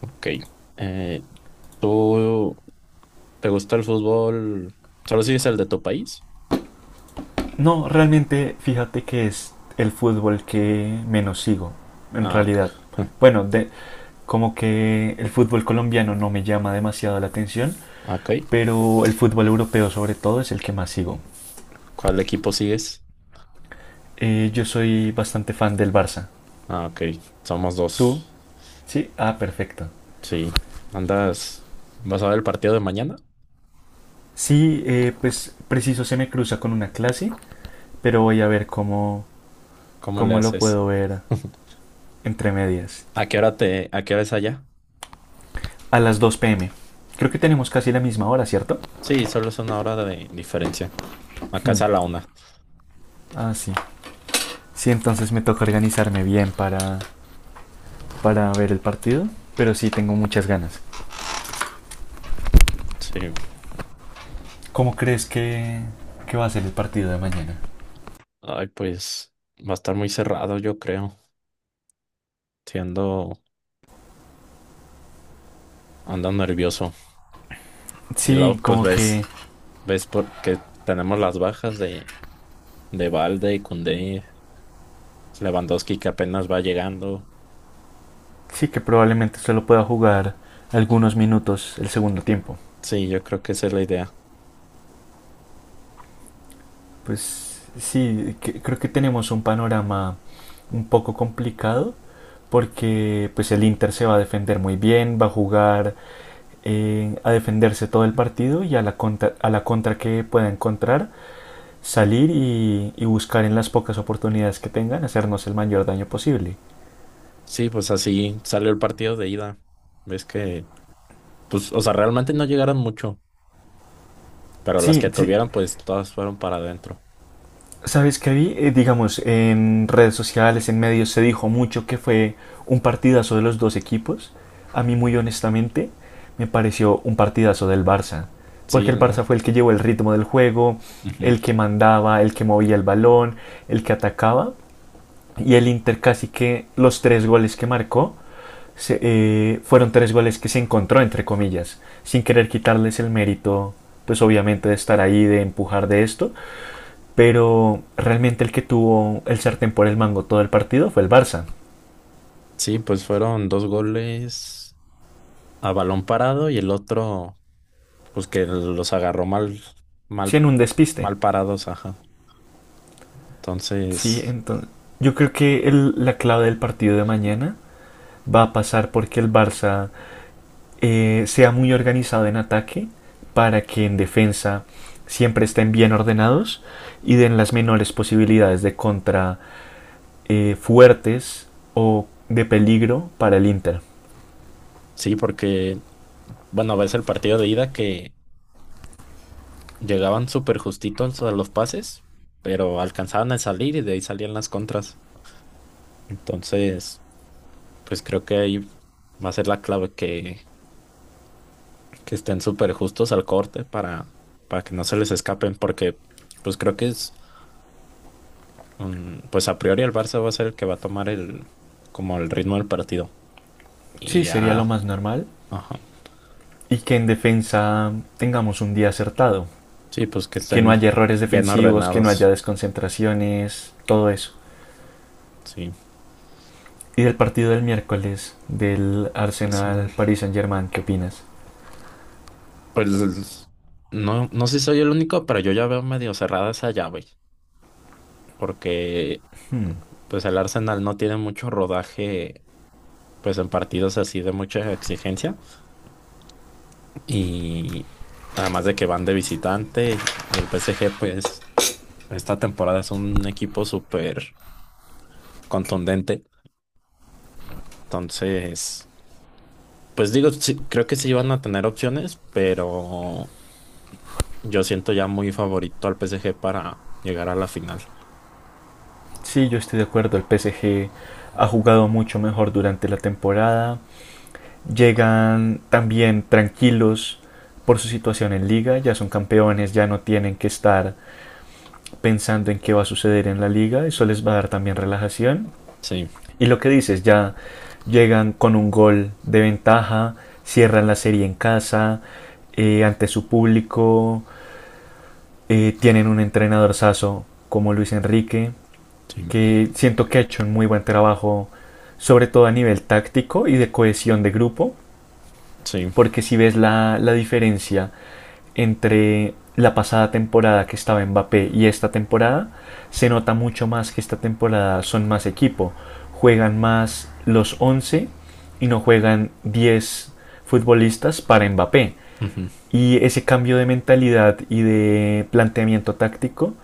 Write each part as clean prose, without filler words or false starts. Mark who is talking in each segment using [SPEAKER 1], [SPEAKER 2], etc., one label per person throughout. [SPEAKER 1] Ok. Eh, ¿Tú te gusta el fútbol? ¿Solo sigues el de tu país?
[SPEAKER 2] No, realmente fíjate que es el fútbol que menos sigo, en
[SPEAKER 1] Ah, ok.
[SPEAKER 2] realidad. Bueno, de, como que el fútbol colombiano no me llama demasiado la atención,
[SPEAKER 1] Ok.
[SPEAKER 2] pero el fútbol europeo sobre todo es el que más sigo.
[SPEAKER 1] ¿Cuál equipo sigues?
[SPEAKER 2] Yo soy bastante fan del Barça.
[SPEAKER 1] Ah, ok. Somos
[SPEAKER 2] ¿Tú?
[SPEAKER 1] dos.
[SPEAKER 2] Sí, ah, perfecto.
[SPEAKER 1] Sí. ¿Andas? ¿Vas a ver el partido de mañana?
[SPEAKER 2] Sí, pues preciso se me cruza con una clase, pero voy a ver
[SPEAKER 1] ¿Cómo le
[SPEAKER 2] cómo lo
[SPEAKER 1] haces?
[SPEAKER 2] puedo ver entre medias.
[SPEAKER 1] ¿A qué hora te, a qué hora es allá?
[SPEAKER 2] A las 2 pm. Creo que tenemos casi la misma hora, ¿cierto?
[SPEAKER 1] Sí, solo es una hora de diferencia. Acá
[SPEAKER 2] Hmm,
[SPEAKER 1] es a la una.
[SPEAKER 2] Ah, sí. Sí, entonces me toca organizarme bien para ver el partido, pero sí tengo muchas ganas.
[SPEAKER 1] Sí.
[SPEAKER 2] ¿Cómo que va a ser el partido de mañana?
[SPEAKER 1] Ay, pues va a estar muy cerrado, yo creo. Siendo, ando nervioso. Y
[SPEAKER 2] Sí,
[SPEAKER 1] luego, pues
[SPEAKER 2] como que
[SPEAKER 1] ves, ves porque tenemos las bajas de Balde y Koundé, Lewandowski que apenas va llegando.
[SPEAKER 2] sí que probablemente solo pueda jugar algunos minutos el segundo tiempo.
[SPEAKER 1] Sí, yo creo que esa es la idea.
[SPEAKER 2] Pues sí, creo que tenemos un panorama un poco complicado porque pues el Inter se va a defender muy bien, va a jugar a defenderse todo el partido y a la contra que pueda encontrar salir y buscar en las pocas oportunidades que tengan hacernos el mayor daño posible.
[SPEAKER 1] Sí, pues así salió el partido de ida. Ves que, pues, o sea, realmente no llegaron mucho, pero las que
[SPEAKER 2] Sí.
[SPEAKER 1] tuvieron, pues todas fueron para adentro.
[SPEAKER 2] ¿Sabes qué vi? Digamos, en redes sociales, en medios se dijo mucho que fue un partidazo de los dos equipos. A mí muy honestamente me pareció un partidazo del Barça, porque
[SPEAKER 1] Sí,
[SPEAKER 2] el
[SPEAKER 1] la-.
[SPEAKER 2] Barça fue el que llevó el ritmo del juego,
[SPEAKER 1] Ujú.
[SPEAKER 2] el que mandaba, el que movía el balón, el que atacaba. Y el Inter casi que los tres goles que marcó fueron tres goles que se encontró, entre comillas, sin querer quitarles el mérito, pues obviamente de estar ahí, de empujar de esto, pero realmente el que tuvo el sartén por el mango todo el partido fue el Barça,
[SPEAKER 1] Sí, pues fueron dos goles a balón parado y el otro, pues que los agarró mal,
[SPEAKER 2] sí
[SPEAKER 1] mal,
[SPEAKER 2] en un despiste.
[SPEAKER 1] mal parados, ajá.
[SPEAKER 2] Sí,
[SPEAKER 1] Entonces,
[SPEAKER 2] entonces yo creo que la clave del partido de mañana va a pasar porque el Barça sea muy organizado en ataque para que en defensa siempre estén bien ordenados y den las menores posibilidades de contra fuertes o de peligro para el Inter.
[SPEAKER 1] sí, porque, bueno, ves el partido de ida que llegaban súper justitos a los pases, pero alcanzaban a salir y de ahí salían las contras. Entonces, pues creo que ahí va a ser la clave que estén súper justos al corte para que no se les escapen, porque pues creo que es, pues a priori el Barça va a ser el que va a tomar el, como el ritmo del partido. Y
[SPEAKER 2] Sí, sería lo
[SPEAKER 1] ya,
[SPEAKER 2] más normal.
[SPEAKER 1] ajá.
[SPEAKER 2] Y que en defensa tengamos un día acertado.
[SPEAKER 1] Sí, pues que
[SPEAKER 2] Que no
[SPEAKER 1] estén
[SPEAKER 2] haya errores
[SPEAKER 1] bien
[SPEAKER 2] defensivos, que no haya
[SPEAKER 1] ordenados.
[SPEAKER 2] desconcentraciones, todo eso.
[SPEAKER 1] Sí,
[SPEAKER 2] Y del partido del miércoles del
[SPEAKER 1] Arsenal.
[SPEAKER 2] Arsenal Paris Saint Germain, ¿qué opinas?
[SPEAKER 1] Pues no, no sé si soy el único, pero yo ya veo medio cerrada esa llave. Porque pues el Arsenal no tiene mucho rodaje pues en partidos así de mucha exigencia y además de que van de visitante y el PSG pues esta temporada es un equipo súper contundente, entonces pues digo, sí, creo que sí van a tener opciones, pero yo siento ya muy favorito al PSG para llegar a la final.
[SPEAKER 2] Sí, yo estoy de acuerdo. El PSG ha jugado mucho mejor durante la temporada. Llegan también tranquilos por su situación en liga. Ya son campeones, ya no tienen que estar pensando en qué va a suceder en la liga. Eso les va a dar también relajación.
[SPEAKER 1] Sí,
[SPEAKER 2] Y lo que dices, ya llegan con un gol de ventaja, cierran la serie en casa, ante su público, tienen un entrenador como Luis Enrique,
[SPEAKER 1] sí,
[SPEAKER 2] que siento que ha hecho un muy buen trabajo, sobre todo a nivel táctico y de cohesión de grupo,
[SPEAKER 1] sí.
[SPEAKER 2] porque si ves la diferencia entre la pasada temporada que estaba Mbappé y esta temporada, se nota mucho más que esta temporada son más equipo, juegan más los 11 y no juegan 10 futbolistas para Mbappé.
[SPEAKER 1] Ujú.
[SPEAKER 2] Y ese cambio de mentalidad y de planteamiento táctico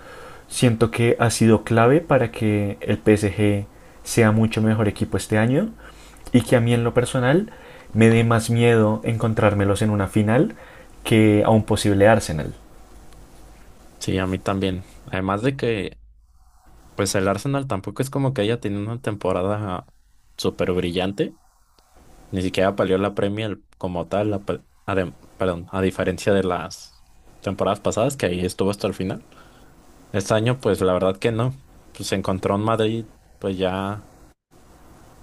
[SPEAKER 2] siento que ha sido clave para que el PSG sea mucho mejor equipo este año y que a mí en lo personal me dé más miedo encontrármelos en una final que a un posible Arsenal,
[SPEAKER 1] Sí, a mí también. Además de que pues el Arsenal tampoco es como que haya tenido una temporada súper brillante. Ni siquiera palió la Premier como tal, perdón, a diferencia de las temporadas pasadas, que ahí estuvo hasta el final. Este año, pues la verdad que no. Pues se encontró en Madrid, pues ya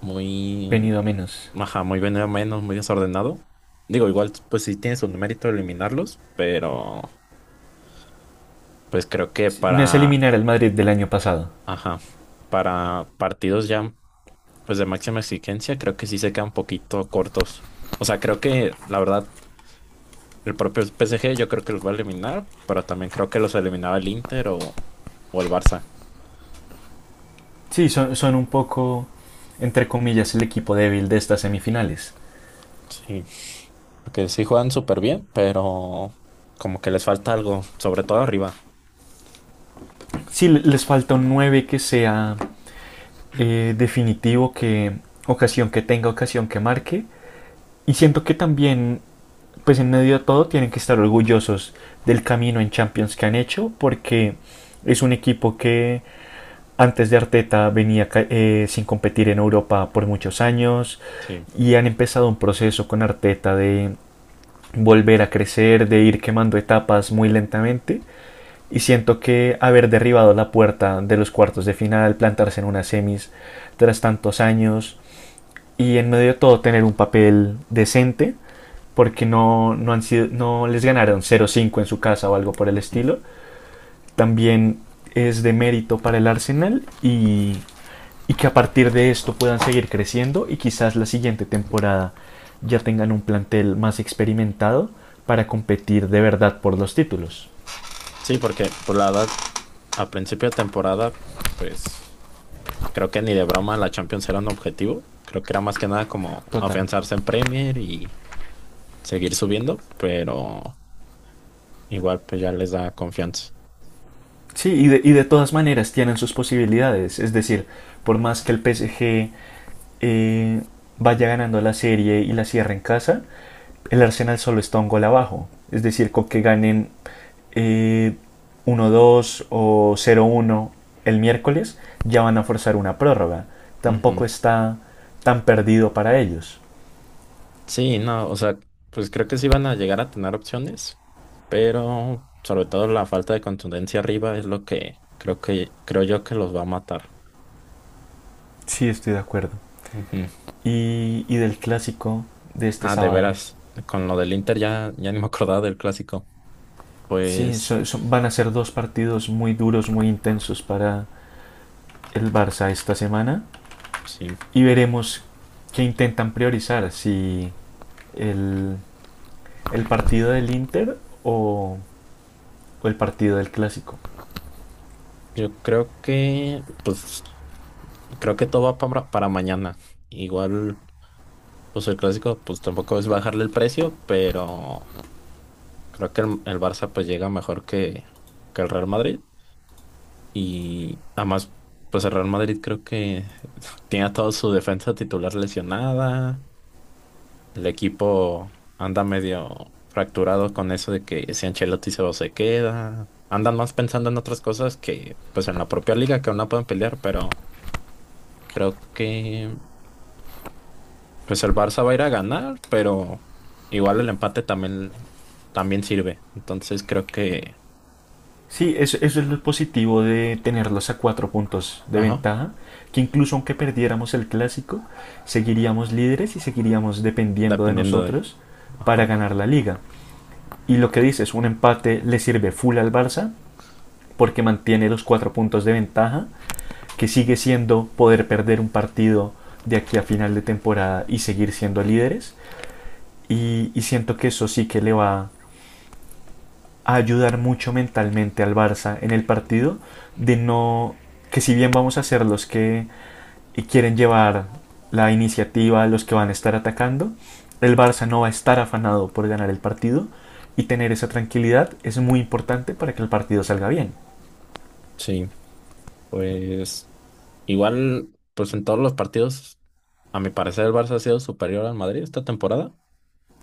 [SPEAKER 1] muy,
[SPEAKER 2] venido a menos.
[SPEAKER 1] ajá, muy venido menos, muy desordenado. Digo, igual, pues sí tiene su mérito eliminarlos, pero pues creo que
[SPEAKER 2] Sí, no es
[SPEAKER 1] para,
[SPEAKER 2] eliminar al Madrid del año pasado.
[SPEAKER 1] ajá, para partidos ya. Pues de máxima exigencia, creo que sí se quedan un poquito cortos. O sea, creo que la verdad, el propio PSG yo creo que los va a eliminar, pero también creo que los eliminaba el Inter o el Barça.
[SPEAKER 2] Sí, son son un poco, entre comillas, el equipo débil de estas semifinales.
[SPEAKER 1] Sí, porque sí juegan súper bien, pero como que les falta algo, sobre todo arriba.
[SPEAKER 2] Sí, les falta un 9 que sea definitivo, que ocasión que tenga, ocasión que marque. Y siento que también, pues en medio de todo, tienen que estar orgullosos del camino en Champions que han hecho, porque es un equipo que antes de Arteta venía sin competir en Europa por muchos años,
[SPEAKER 1] Sí.
[SPEAKER 2] y han empezado un proceso con Arteta de volver a crecer, de ir quemando etapas muy lentamente. Y siento que haber derribado la puerta de los cuartos de final, plantarse en unas semis tras tantos años y en medio de todo tener un papel decente, porque no han sido, no les ganaron 0-5 en su casa o algo por el
[SPEAKER 1] Ujú.
[SPEAKER 2] estilo. También es de mérito para el Arsenal, y que a partir de esto puedan seguir creciendo y quizás la siguiente temporada ya tengan un plantel más experimentado para competir de verdad por los títulos.
[SPEAKER 1] Sí, porque pues la verdad, a principio de temporada, pues creo que ni de broma la Champions era un objetivo. Creo que era más que nada como
[SPEAKER 2] Total.
[SPEAKER 1] afianzarse en Premier y seguir subiendo, pero igual pues ya les da confianza.
[SPEAKER 2] Sí, y de todas maneras tienen sus posibilidades. Es decir, por más que el PSG eh, vaya ganando la serie y la cierre en casa, el Arsenal solo está un gol abajo. Es decir, con que ganen eh, 1-2 o 0-1 el miércoles, ya van a forzar una prórroga.
[SPEAKER 1] Ujú.
[SPEAKER 2] Tampoco está tan perdido para ellos.
[SPEAKER 1] Sí, no, o sea, pues creo que sí van a llegar a tener opciones, pero sobre todo la falta de contundencia arriba es lo que creo yo que los va a matar.
[SPEAKER 2] Sí, estoy de acuerdo.
[SPEAKER 1] Ujú.
[SPEAKER 2] Y del clásico de este
[SPEAKER 1] Ah, de
[SPEAKER 2] sábado.
[SPEAKER 1] veras, con lo del Inter ya ni me acordaba del clásico.
[SPEAKER 2] Sí,
[SPEAKER 1] Pues
[SPEAKER 2] van a ser dos partidos muy duros, muy intensos para el Barça esta semana,
[SPEAKER 1] sí,
[SPEAKER 2] y veremos qué intentan priorizar, si el, el partido del Inter o, o el partido del Clásico.
[SPEAKER 1] yo creo que pues creo que todo va para mañana. Igual pues el clásico pues tampoco es bajarle el precio, pero creo que el Barça pues llega mejor que el Real Madrid y además pues el Real Madrid creo que tiene a toda su defensa titular lesionada, el equipo anda medio fracturado con eso de que si Ancelotti se va o se queda, andan más pensando en otras cosas que pues en la propia liga que aún no pueden pelear, pero creo que pues el Barça va a ir a ganar, pero igual el empate también, también sirve, entonces creo que,
[SPEAKER 2] Sí, eso es lo positivo de tenerlos a cuatro puntos de
[SPEAKER 1] ajá,
[SPEAKER 2] ventaja, que incluso aunque perdiéramos el Clásico, seguiríamos líderes y seguiríamos dependiendo de
[SPEAKER 1] dependiendo de...
[SPEAKER 2] nosotros para
[SPEAKER 1] Ajá.
[SPEAKER 2] ganar la liga. Y lo que dices, un empate le sirve full al Barça porque mantiene los cuatro puntos de ventaja, que sigue siendo poder perder un partido de aquí a final de temporada y seguir siendo líderes. Y siento que eso sí que le va a ayudar mucho mentalmente al Barça en el partido, de no que si bien vamos a ser los que quieren llevar la iniciativa, los que van a estar atacando, el Barça no va a estar afanado por ganar el partido, y tener esa tranquilidad es muy importante para que el partido salga bien.
[SPEAKER 1] Sí, pues igual, pues en todos los partidos, a mi parecer el Barça ha sido superior al Madrid esta temporada.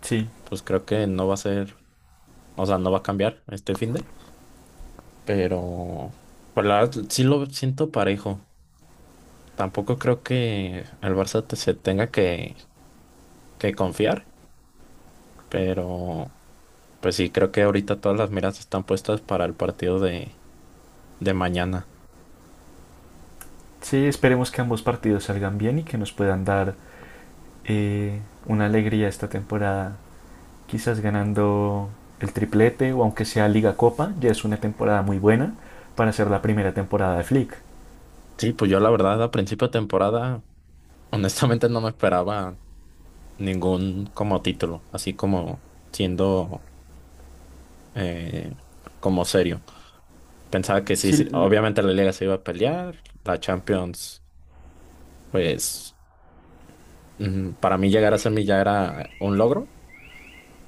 [SPEAKER 2] Sí.
[SPEAKER 1] Pues creo que no va a ser, o sea, no va a cambiar este finde, pero pues la verdad sí lo siento parejo. Tampoco creo que el Barça te- se tenga que confiar, pero pues sí, creo que ahorita todas las miras están puestas para el partido de mañana.
[SPEAKER 2] Sí, esperemos que ambos partidos salgan bien y que nos puedan dar una alegría esta temporada. Quizás ganando el triplete o aunque sea Liga Copa, ya es una temporada muy buena para ser la primera temporada de Flick.
[SPEAKER 1] Sí, pues yo la verdad a principio de temporada, honestamente no me esperaba ningún como título, así como siendo eh, como serio. Pensaba que sí, sí,
[SPEAKER 2] Sí,
[SPEAKER 1] obviamente la Liga se iba a pelear, la Champions, pues para mí llegar a semi ya era un logro.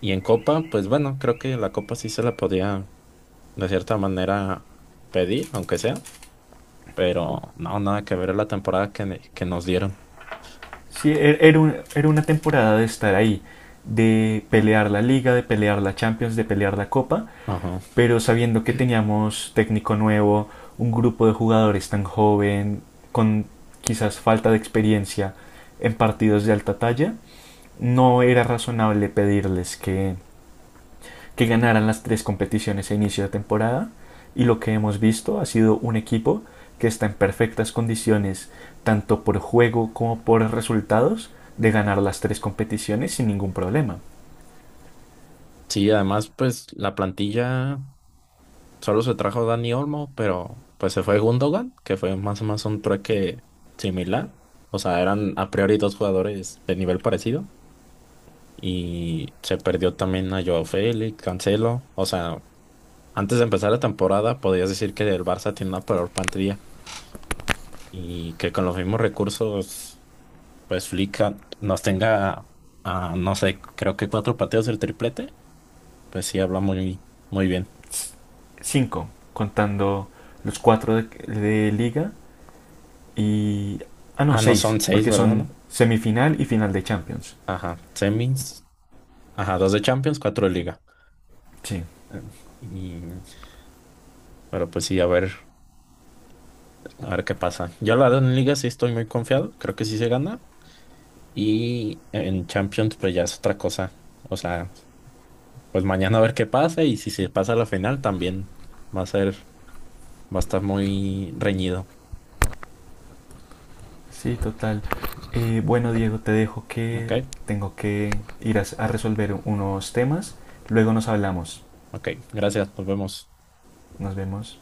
[SPEAKER 1] Y en Copa, pues bueno, creo que la Copa sí se la podía de cierta manera pedir, aunque sea, pero no, nada que ver la temporada que nos dieron.
[SPEAKER 2] era una temporada de estar ahí, de pelear la Liga, de pelear la Champions, de pelear la Copa,
[SPEAKER 1] Ajá.
[SPEAKER 2] pero sabiendo que teníamos técnico nuevo, un grupo de jugadores tan joven, con quizás falta de experiencia en partidos de alta talla, no era razonable pedirles que ganaran las tres competiciones a inicio de temporada, y lo que hemos visto ha sido un equipo que está en perfectas condiciones tanto por juego como por resultados de ganar las tres competiciones sin ningún problema.
[SPEAKER 1] Sí, además, pues la plantilla. Solo se trajo Dani Olmo, pero pues se fue Gundogan, que fue más o menos un trueque similar. O sea, eran a priori dos jugadores de nivel parecido. Y se perdió también a Joao Félix, Cancelo. O sea, antes de empezar la temporada podías decir que el Barça tiene una peor plantilla y que con los mismos recursos, pues Flick a- nos tenga, a, no sé, creo que cuatro partidos del triplete. Pues sí, habla muy, muy bien.
[SPEAKER 2] Cinco contando los cuatro de liga y... Ah, no,
[SPEAKER 1] Ah, no, son
[SPEAKER 2] 6
[SPEAKER 1] seis,
[SPEAKER 2] porque
[SPEAKER 1] ¿verdad?
[SPEAKER 2] son
[SPEAKER 1] ¿No?
[SPEAKER 2] semifinal y final de Champions.
[SPEAKER 1] Ajá, semis. Ajá, dos de Champions, cuatro de Liga.
[SPEAKER 2] Sí.
[SPEAKER 1] Eh, Y, pero pues sí, a ver qué pasa. Yo la verdad en Liga sí estoy muy confiado, creo que sí se gana. Y en Champions pues ya es otra cosa. O sea, pues mañana a ver qué pasa y si se pasa a la final también va a ser, va a estar muy reñido.
[SPEAKER 2] Sí, total. Bueno, Diego, te dejo
[SPEAKER 1] Ok,
[SPEAKER 2] que tengo que ir a resolver unos temas. Luego nos hablamos.
[SPEAKER 1] ok, gracias, nos vemos.
[SPEAKER 2] Nos vemos.